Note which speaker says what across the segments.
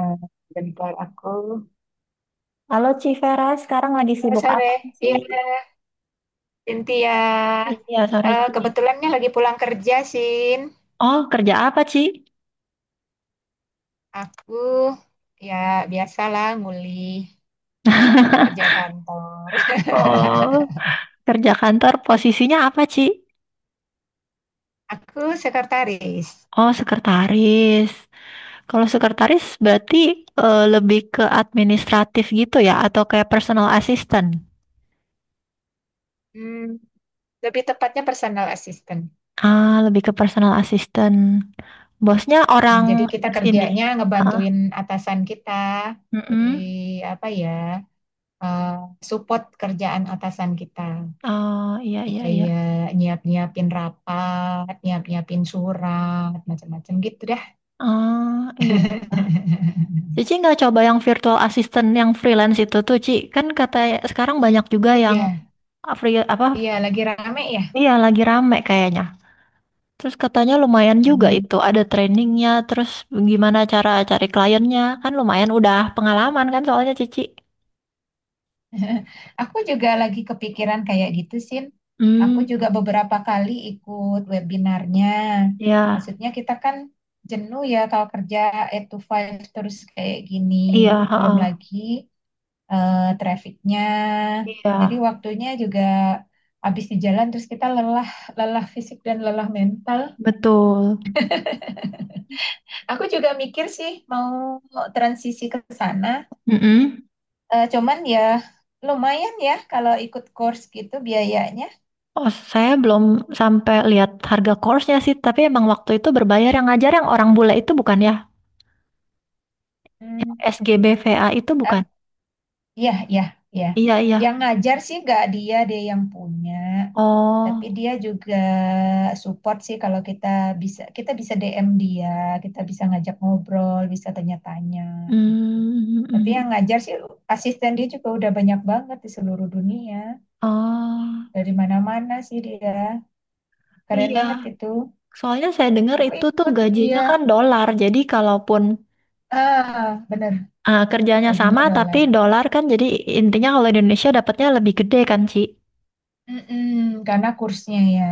Speaker 1: Eh, bentar aku.
Speaker 2: Halo Ci Vera, sekarang lagi
Speaker 1: Halo,
Speaker 2: sibuk
Speaker 1: sore.
Speaker 2: apa Ci?
Speaker 1: Iya, Cynthia.
Speaker 2: Iya, sore
Speaker 1: Eh,
Speaker 2: Ci.
Speaker 1: kebetulannya lagi pulang kerja, Sin.
Speaker 2: Oh, kerja apa Ci?
Speaker 1: Aku ya biasalah nguli kerja kantor.
Speaker 2: Oh, kerja kantor posisinya apa Ci?
Speaker 1: Aku sekretaris.
Speaker 2: Oh, sekretaris. Kalau sekretaris berarti lebih ke administratif gitu ya, atau kayak personal assistant?
Speaker 1: Hmm, lebih tepatnya personal assistant.
Speaker 2: Ah, lebih ke personal assistant. Bosnya orang
Speaker 1: Jadi kita
Speaker 2: sini.
Speaker 1: kerjanya
Speaker 2: Ah,
Speaker 1: ngebantuin atasan kita. Jadi
Speaker 2: mm-mm.
Speaker 1: apa ya? eh, support kerjaan atasan kita.
Speaker 2: Oh, iya, iya, iya.
Speaker 1: Kayak nyiap-nyiapin rapat, nyiap-nyiapin surat, macam-macam gitu dah.
Speaker 2: Ah, iya, iya. Cici nggak coba yang virtual assistant yang freelance itu tuh, Ci? Kan kata sekarang banyak juga yang
Speaker 1: Iya,
Speaker 2: free apa?
Speaker 1: iya lagi rame ya.
Speaker 2: Iya, lagi rame kayaknya. Terus katanya lumayan juga
Speaker 1: Hmm.
Speaker 2: itu, ada trainingnya, terus gimana cara cari kliennya. Kan lumayan udah pengalaman kan soalnya Cici.
Speaker 1: Aku juga lagi kepikiran kayak gitu, Sin. Aku
Speaker 2: Hmm,
Speaker 1: juga beberapa kali ikut webinarnya.
Speaker 2: iya,
Speaker 1: Maksudnya kita kan jenuh ya kalau kerja 8 to five terus kayak gini.
Speaker 2: iya,
Speaker 1: Belum
Speaker 2: heeh.
Speaker 1: lagi trafficnya.
Speaker 2: Iya,
Speaker 1: Jadi waktunya juga habis di jalan terus kita lelah, lelah fisik dan lelah mental.
Speaker 2: betul.
Speaker 1: Aku juga mikir sih mau transisi ke sana.
Speaker 2: Mm-mm.
Speaker 1: Cuman ya lumayan ya kalau ikut course gitu biayanya.
Speaker 2: Oh, saya belum sampai lihat harga course-nya sih, tapi emang waktu itu berbayar yang ngajar yang orang bule itu bukan ya? Yang
Speaker 1: Hmm,
Speaker 2: SGBVA itu bukan.
Speaker 1: ap- ya, ya, ya.
Speaker 2: Iya,
Speaker 1: Yang
Speaker 2: iya.
Speaker 1: ngajar sih nggak dia, dia yang punya. Tapi
Speaker 2: Oh,
Speaker 1: dia juga support sih kalau kita bisa DM dia, kita bisa ngajak ngobrol, bisa tanya-tanya gitu.
Speaker 2: mm, mm,
Speaker 1: Tapi yang
Speaker 2: mm.
Speaker 1: ngajar sih asisten dia juga udah banyak banget di seluruh dunia,
Speaker 2: Oh,
Speaker 1: dari mana-mana sih dia. Keren
Speaker 2: iya.
Speaker 1: banget gitu.
Speaker 2: Soalnya saya dengar
Speaker 1: Aku
Speaker 2: itu tuh
Speaker 1: ikut
Speaker 2: gajinya
Speaker 1: dia.
Speaker 2: kan dolar. Jadi kalaupun
Speaker 1: Ah, bener,
Speaker 2: ah, kerjanya
Speaker 1: baginya
Speaker 2: sama tapi
Speaker 1: dolar.
Speaker 2: dolar kan, jadi intinya kalau di Indonesia dapatnya lebih gede kan, Ci?
Speaker 1: Mm-mm, karena kursnya ya.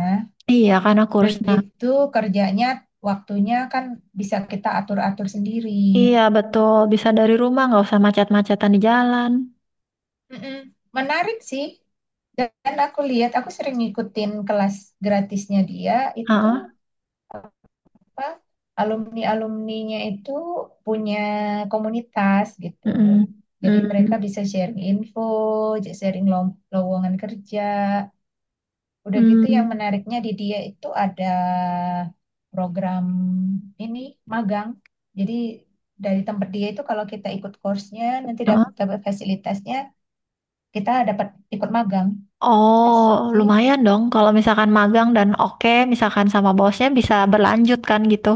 Speaker 2: Iya, karena
Speaker 1: Udah
Speaker 2: kursnya.
Speaker 1: gitu kerjanya waktunya kan bisa kita atur-atur sendiri.
Speaker 2: Iya, betul. Bisa dari rumah, nggak usah macet-macetan di jalan.
Speaker 1: Mm-mm. Menarik sih. Dan aku lihat, aku sering ngikutin kelas gratisnya dia itu
Speaker 2: Heeh.
Speaker 1: apa alumni-alumninya itu punya komunitas gitu.
Speaker 2: Mm-mm.
Speaker 1: Jadi mereka
Speaker 2: Mm.
Speaker 1: bisa sharing info, sharing lowongan kerja. Udah gitu yang
Speaker 2: Mm.
Speaker 1: menariknya di dia itu ada program ini magang. Jadi dari tempat dia itu kalau kita ikut course-nya nanti
Speaker 2: Heeh.
Speaker 1: dapat dapat fasilitasnya, kita dapat ikut magang. Asik
Speaker 2: Oh,
Speaker 1: sih.
Speaker 2: lumayan dong. Kalau misalkan magang dan oke, misalkan sama bosnya bisa berlanjut kan gitu.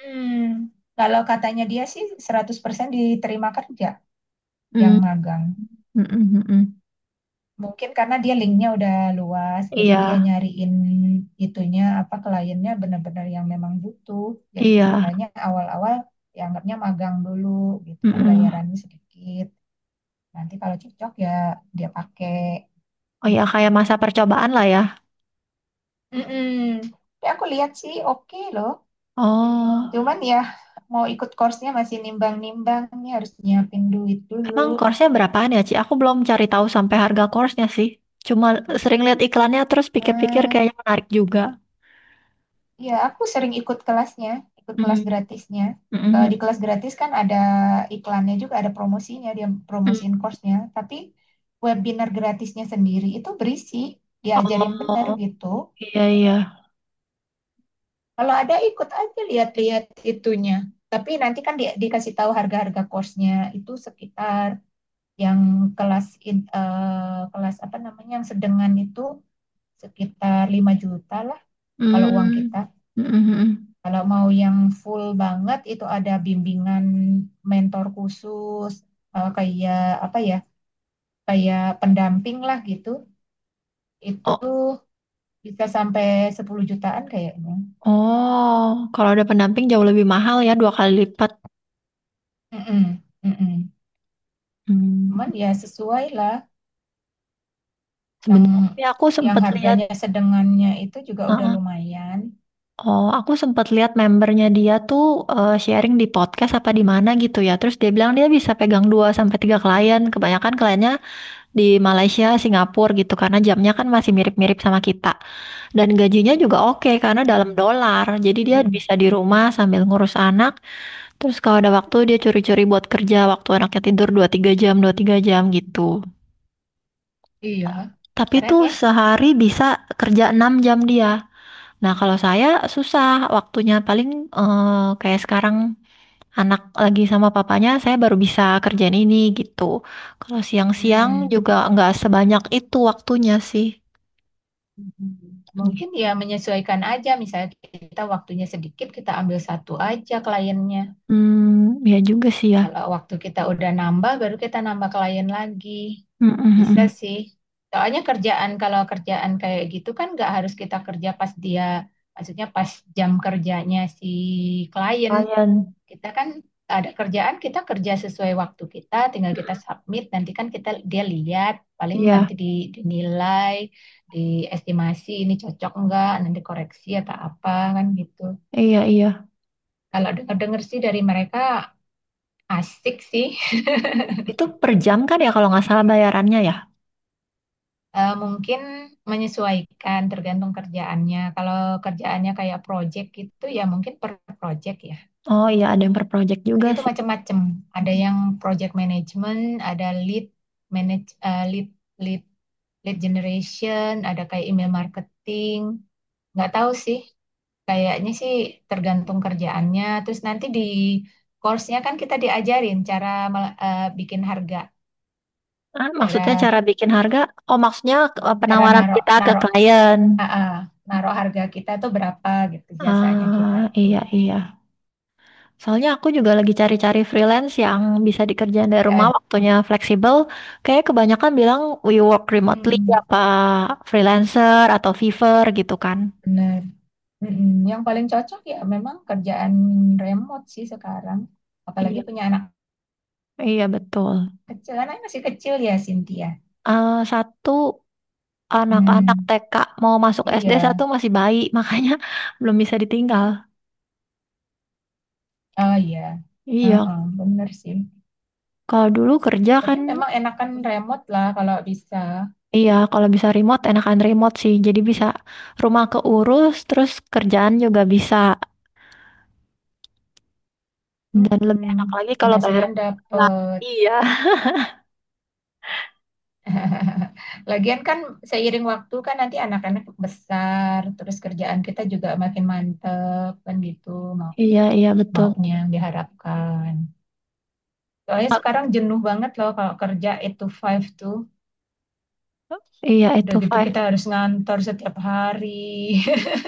Speaker 1: Hmm. Kalau katanya dia sih 100% diterima kerja yang
Speaker 2: Mm.
Speaker 1: magang.
Speaker 2: Mm-mm-mm.
Speaker 1: Mungkin karena dia linknya udah luas, jadi
Speaker 2: Iya,
Speaker 1: dia nyariin itunya apa kliennya benar-benar yang memang butuh. Jadi
Speaker 2: iya.
Speaker 1: istilahnya awal-awal ya anggapnya magang dulu gitu kan
Speaker 2: Mm-mm.
Speaker 1: bayarannya sedikit. Nanti kalau cocok ya dia pakai.
Speaker 2: Ya, oh ya, kayak masa percobaan lah ya.
Speaker 1: Mm-mm. Tapi aku lihat sih oke loh.
Speaker 2: Oh,
Speaker 1: Cuman ya mau ikut course-nya masih nimbang-nimbang nih harus nyiapin duit dulu.
Speaker 2: emang course-nya berapaan ya, Ci? Aku belum cari tahu sampai harga course-nya sih. Cuma sering lihat iklannya terus pikir-pikir
Speaker 1: Hmm,
Speaker 2: kayaknya menarik juga.
Speaker 1: Ya, aku sering ikut kelasnya, ikut kelas
Speaker 2: Mm.
Speaker 1: gratisnya. Di
Speaker 2: Mm-mm.
Speaker 1: kelas gratis kan ada iklannya juga, ada promosinya, dia
Speaker 2: Mm.
Speaker 1: promosiin course-nya. Tapi webinar gratisnya sendiri itu berisi, diajarin bener
Speaker 2: Oh,
Speaker 1: gitu.
Speaker 2: iya, iya.
Speaker 1: Kalau ada ikut aja lihat-lihat itunya. Tapi nanti kan dikasih tahu harga-harga course-nya itu sekitar yang kelas apa namanya yang sedengan itu sekitar 5 juta lah kalau uang kita.
Speaker 2: Mm. Mm-mm.
Speaker 1: Kalau mau yang full banget itu ada bimbingan mentor khusus kayak apa ya? Kayak pendamping lah gitu. Itu
Speaker 2: Oh,
Speaker 1: bisa sampai 10 jutaan kayaknya.
Speaker 2: oh, kalau ada pendamping jauh lebih mahal ya, dua kali lipat.
Speaker 1: Mm-mm, mm-mm.
Speaker 2: Mm.
Speaker 1: Cuman ya sesuai lah yang
Speaker 2: Sebenarnya sih aku
Speaker 1: yang
Speaker 2: sempat lihat.
Speaker 1: harganya sedengannya itu juga udah lumayan.
Speaker 2: Oh, aku sempat lihat membernya dia tuh sharing di podcast apa di mana gitu ya. Terus dia bilang dia bisa pegang 2 sampai 3 klien. Kebanyakan kliennya di Malaysia, Singapura gitu karena jamnya kan masih mirip-mirip sama kita. Dan gajinya juga oke karena dalam dolar. Jadi dia
Speaker 1: Mm-mm.
Speaker 2: bisa di rumah sambil ngurus anak. Terus kalau ada waktu dia curi-curi buat kerja waktu anaknya tidur 2 3 jam, 2 3 jam gitu.
Speaker 1: Iya,
Speaker 2: Tapi
Speaker 1: keren
Speaker 2: tuh
Speaker 1: ya.
Speaker 2: sehari bisa kerja 6 jam dia. Nah, kalau saya susah waktunya paling kayak sekarang anak lagi sama papanya, saya baru bisa kerjain ini gitu. Kalau siang-siang
Speaker 1: Hmm.
Speaker 2: juga nggak sebanyak itu waktunya sih.
Speaker 1: Mungkin
Speaker 2: Gitu.
Speaker 1: ya menyesuaikan aja, misalnya kita waktunya sedikit, kita ambil satu aja kliennya.
Speaker 2: Hmm, ya juga sih ya.
Speaker 1: Kalau waktu kita udah nambah, baru kita nambah klien lagi.
Speaker 2: Mm, mm,
Speaker 1: Bisa
Speaker 2: mm.
Speaker 1: sih. Soalnya kerjaan, kalau kerjaan kayak gitu kan nggak harus kita kerja pas dia, maksudnya pas jam kerjanya si klien.
Speaker 2: Lumayan.
Speaker 1: Kita kan ada kerjaan, kita kerja sesuai waktu kita, tinggal kita submit, nanti kan kita dia lihat, paling
Speaker 2: Iya,
Speaker 1: nanti dinilai, diestimasi ini cocok nggak, nanti koreksi atau apa kan gitu.
Speaker 2: iya, iya.
Speaker 1: Kalau dengar-dengar sih dari mereka asik sih.
Speaker 2: Itu per jam kan ya kalau nggak salah bayarannya ya?
Speaker 1: Mungkin menyesuaikan tergantung kerjaannya. Kalau kerjaannya kayak project gitu ya mungkin per project ya.
Speaker 2: Oh iya, ada yang per project
Speaker 1: Dan
Speaker 2: juga
Speaker 1: itu
Speaker 2: sih.
Speaker 1: macam-macam. Ada yang project management, ada lead manage eh, lead lead lead generation, ada kayak email marketing. Nggak tahu sih. Kayaknya sih tergantung kerjaannya. Terus nanti di course-nya kan kita diajarin cara bikin harga,
Speaker 2: Ah, maksudnya
Speaker 1: cara
Speaker 2: cara bikin harga? Oh, maksudnya
Speaker 1: cara
Speaker 2: penawaran
Speaker 1: naruh
Speaker 2: kita ke
Speaker 1: naro
Speaker 2: klien.
Speaker 1: heeh, naruh harga kita tuh berapa gitu jasanya kita
Speaker 2: Ah,
Speaker 1: itu.
Speaker 2: iya, iya. Soalnya aku juga lagi cari-cari freelance yang bisa dikerjain dari rumah,
Speaker 1: Ya,
Speaker 2: waktunya fleksibel. Kayak kebanyakan bilang we work remotely,
Speaker 1: hmm,
Speaker 2: apa freelancer atau Fiverr gitu kan.
Speaker 1: bener. Mm-mm. Yang paling cocok ya memang kerjaan remote sih sekarang. Apalagi
Speaker 2: Iya.
Speaker 1: punya anak
Speaker 2: Iya betul.
Speaker 1: kecil, anaknya masih kecil ya Cynthia.
Speaker 2: Satu anak-anak
Speaker 1: Hmm,
Speaker 2: TK mau masuk SD,
Speaker 1: iya,
Speaker 2: satu masih bayi, makanya belum bisa ditinggal.
Speaker 1: oh iya,
Speaker 2: Iya,
Speaker 1: heeh, bener sih.
Speaker 2: kalau dulu kerja
Speaker 1: Tapi
Speaker 2: kan,
Speaker 1: memang enakan remote lah kalau bisa.
Speaker 2: iya kalau bisa remote enakan remote sih. Jadi bisa rumah keurus, terus kerjaan juga bisa. Dan
Speaker 1: Mm-mm.
Speaker 2: lebih enak lagi kalau bayar
Speaker 1: Penghasilan
Speaker 2: lah.
Speaker 1: dapet.
Speaker 2: Iya,
Speaker 1: Lagian kan seiring waktu kan nanti anak-anak besar, terus kerjaan kita juga makin mantep kan gitu mau
Speaker 2: iya, iya betul.
Speaker 1: maunya yang diharapkan. Soalnya sekarang jenuh banget loh kalau kerja 8 to 5 tuh.
Speaker 2: Iya
Speaker 1: Udah
Speaker 2: itu
Speaker 1: gitu
Speaker 2: five.
Speaker 1: kita harus ngantor setiap hari.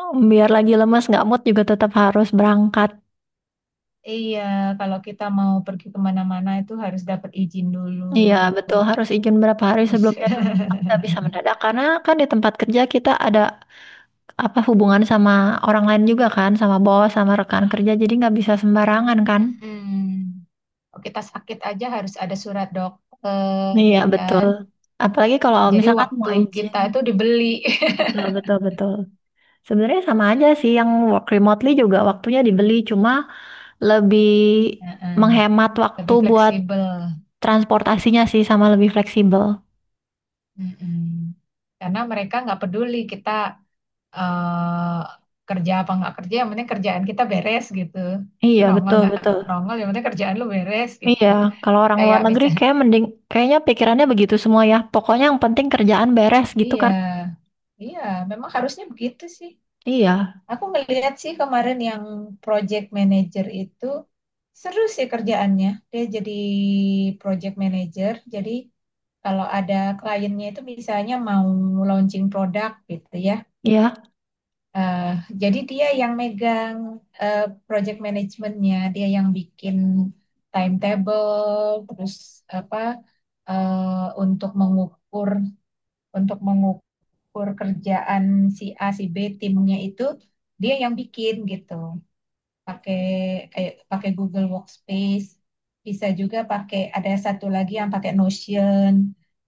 Speaker 2: Oh, biar lagi lemas nggak mood juga tetap harus berangkat.
Speaker 1: Iya, kalau kita mau pergi kemana-mana itu harus dapat izin dulu.
Speaker 2: Iya betul, harus izin berapa hari
Speaker 1: Terus
Speaker 2: sebelumnya dulu kan, nggak bisa mendadak karena kan di tempat kerja kita ada apa hubungan sama orang lain juga kan, sama bos sama rekan kerja, jadi nggak bisa sembarangan kan.
Speaker 1: Mm-mm. Kalau kita sakit aja harus ada surat dokter,
Speaker 2: Iya betul.
Speaker 1: kan?
Speaker 2: Apalagi kalau
Speaker 1: Jadi
Speaker 2: misalkan mau
Speaker 1: waktu
Speaker 2: izin.
Speaker 1: kita itu dibeli.
Speaker 2: Betul betul betul. Sebenarnya sama aja sih yang work remotely juga waktunya dibeli, cuma lebih
Speaker 1: Heeh,
Speaker 2: menghemat waktu
Speaker 1: lebih
Speaker 2: buat
Speaker 1: fleksibel.
Speaker 2: transportasinya sih sama lebih fleksibel.
Speaker 1: Mm-mm. Karena mereka nggak peduli kita eh, kerja apa nggak kerja, yang penting kerjaan kita beres gitu.
Speaker 2: Iya,
Speaker 1: Nongol
Speaker 2: betul,
Speaker 1: nggak
Speaker 2: betul.
Speaker 1: nongol, yang penting kerjaan lu beres gitu.
Speaker 2: Iya, kalau orang luar
Speaker 1: Kayak
Speaker 2: negeri
Speaker 1: misalnya,
Speaker 2: kayak mending kayaknya pikirannya begitu semua ya. Pokoknya yang penting kerjaan beres gitu
Speaker 1: iya,
Speaker 2: kan.
Speaker 1: iya, memang harusnya begitu sih.
Speaker 2: Iya,
Speaker 1: Aku ngelihat sih kemarin yang project manager itu seru sih kerjaannya. Dia jadi project manager, jadi kalau ada kliennya itu misalnya mau launching produk gitu ya.
Speaker 2: iya,
Speaker 1: Eh, jadi dia yang megang eh, project manajemennya, dia yang bikin timetable, terus apa eh, untuk mengukur untuk mengukur kerjaan si A si B timnya itu dia yang bikin gitu pakai kayak pakai Google Workspace, bisa juga pakai ada satu lagi yang pakai Notion.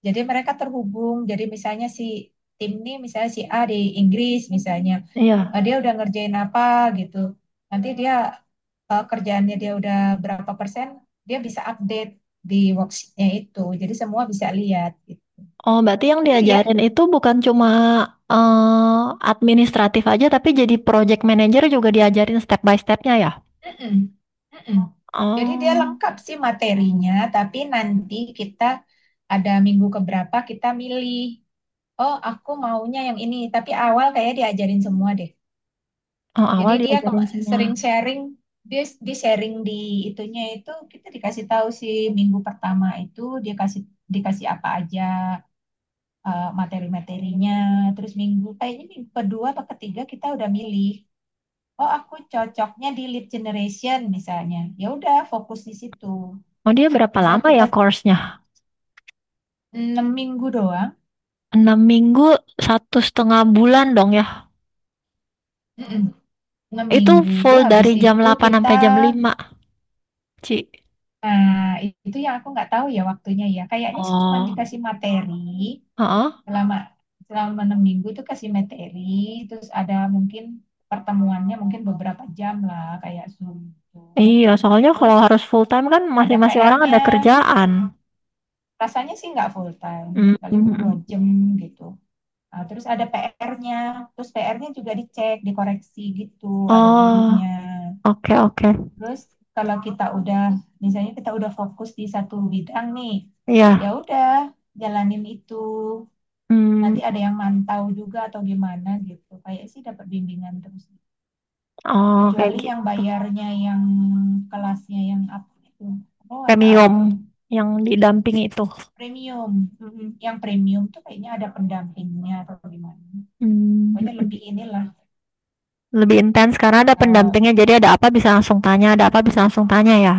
Speaker 1: Jadi mereka terhubung. Jadi misalnya si tim ini misalnya si A di Inggris misalnya,
Speaker 2: iya.
Speaker 1: dia udah ngerjain apa gitu. Nanti dia kerjaannya dia udah berapa persen, dia bisa update di worksheetnya itu. Jadi semua bisa lihat. Gitu.
Speaker 2: Oh, berarti yang
Speaker 1: Seru ya?
Speaker 2: diajarin itu bukan cuma administratif aja tapi jadi project manager juga diajarin step by stepnya ya.
Speaker 1: Mm-mm, mm-mm. Jadi dia
Speaker 2: Oh,
Speaker 1: lengkap sih materinya, tapi nanti kita ada minggu keberapa kita milih, oh aku maunya yang ini, tapi awal kayak diajarin semua deh.
Speaker 2: oh
Speaker 1: Jadi
Speaker 2: awal
Speaker 1: dia
Speaker 2: diajarin
Speaker 1: sering
Speaker 2: semua.
Speaker 1: sharing, dia di sharing di itunya itu kita dikasih tahu sih minggu pertama itu dia dikasih apa aja materi-materinya, terus minggu kayaknya minggu kedua atau ketiga kita udah milih oh aku cocoknya di lead generation misalnya ya udah fokus di situ
Speaker 2: Oh dia berapa
Speaker 1: misal
Speaker 2: lama
Speaker 1: kita
Speaker 2: ya course-nya?
Speaker 1: 6 minggu doang
Speaker 2: 6 minggu, satu setengah bulan dong ya.
Speaker 1: enam
Speaker 2: Itu
Speaker 1: minggu
Speaker 2: full
Speaker 1: habis
Speaker 2: dari jam
Speaker 1: itu
Speaker 2: 8
Speaker 1: kita
Speaker 2: sampai jam 5, Ci?
Speaker 1: nah itu yang aku nggak tahu ya waktunya ya kayaknya sih cuma
Speaker 2: Oh,
Speaker 1: dikasih materi
Speaker 2: heeh.
Speaker 1: selama selama 6 minggu itu kasih materi terus ada mungkin pertemuannya mungkin beberapa jam lah kayak Zoom itu
Speaker 2: Iya, soalnya
Speaker 1: terus
Speaker 2: kalau harus full time kan
Speaker 1: ada
Speaker 2: masing-masing orang
Speaker 1: PR-nya
Speaker 2: ada kerjaan.
Speaker 1: rasanya sih nggak full time
Speaker 2: Mm, mm,
Speaker 1: paling dua
Speaker 2: mm.
Speaker 1: jam gitu. Ah, terus ada PR-nya, terus PR-nya juga dicek, dikoreksi gitu, ada
Speaker 2: Oh,
Speaker 1: gurunya.
Speaker 2: oke oke.
Speaker 1: Terus kalau kita udah, misalnya kita udah fokus di satu bidang nih, ya
Speaker 2: Iya.
Speaker 1: udah jalanin itu.
Speaker 2: Mm,
Speaker 1: Nanti ada yang mantau juga atau gimana gitu. Kayak sih dapat bimbingan terus.
Speaker 2: oh, kayak
Speaker 1: Kecuali yang
Speaker 2: gitu.
Speaker 1: bayarnya yang kelasnya yang apa itu, oh atau
Speaker 2: Premium
Speaker 1: apa itu,
Speaker 2: yang didampingi itu.
Speaker 1: premium. Mhm. Yang premium tuh kayaknya ada pendampingnya atau gimana.
Speaker 2: Mm, mm,
Speaker 1: Pokoknya
Speaker 2: mm.
Speaker 1: lebih inilah.
Speaker 2: Lebih intens karena ada
Speaker 1: eh,
Speaker 2: pendampingnya, jadi ada apa bisa langsung tanya, ada apa bisa langsung tanya ya.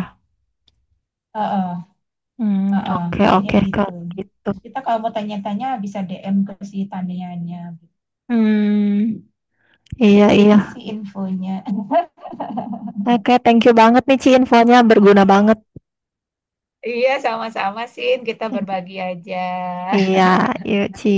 Speaker 1: eh, eh,
Speaker 2: Hmm,
Speaker 1: Heeh,
Speaker 2: oke
Speaker 1: kayaknya
Speaker 2: oke
Speaker 1: gitu.
Speaker 2: kalau gitu.
Speaker 1: Terus kita kalau mau tanya-tanya bisa DM ke si Tanianya.
Speaker 2: Hmm, iya iya.
Speaker 1: Gitu sih infonya.
Speaker 2: Oke, thank you banget nih Ci, infonya berguna banget.
Speaker 1: Iya, sama-sama, Sin. Kita berbagi aja.
Speaker 2: Iya, yuk Ci.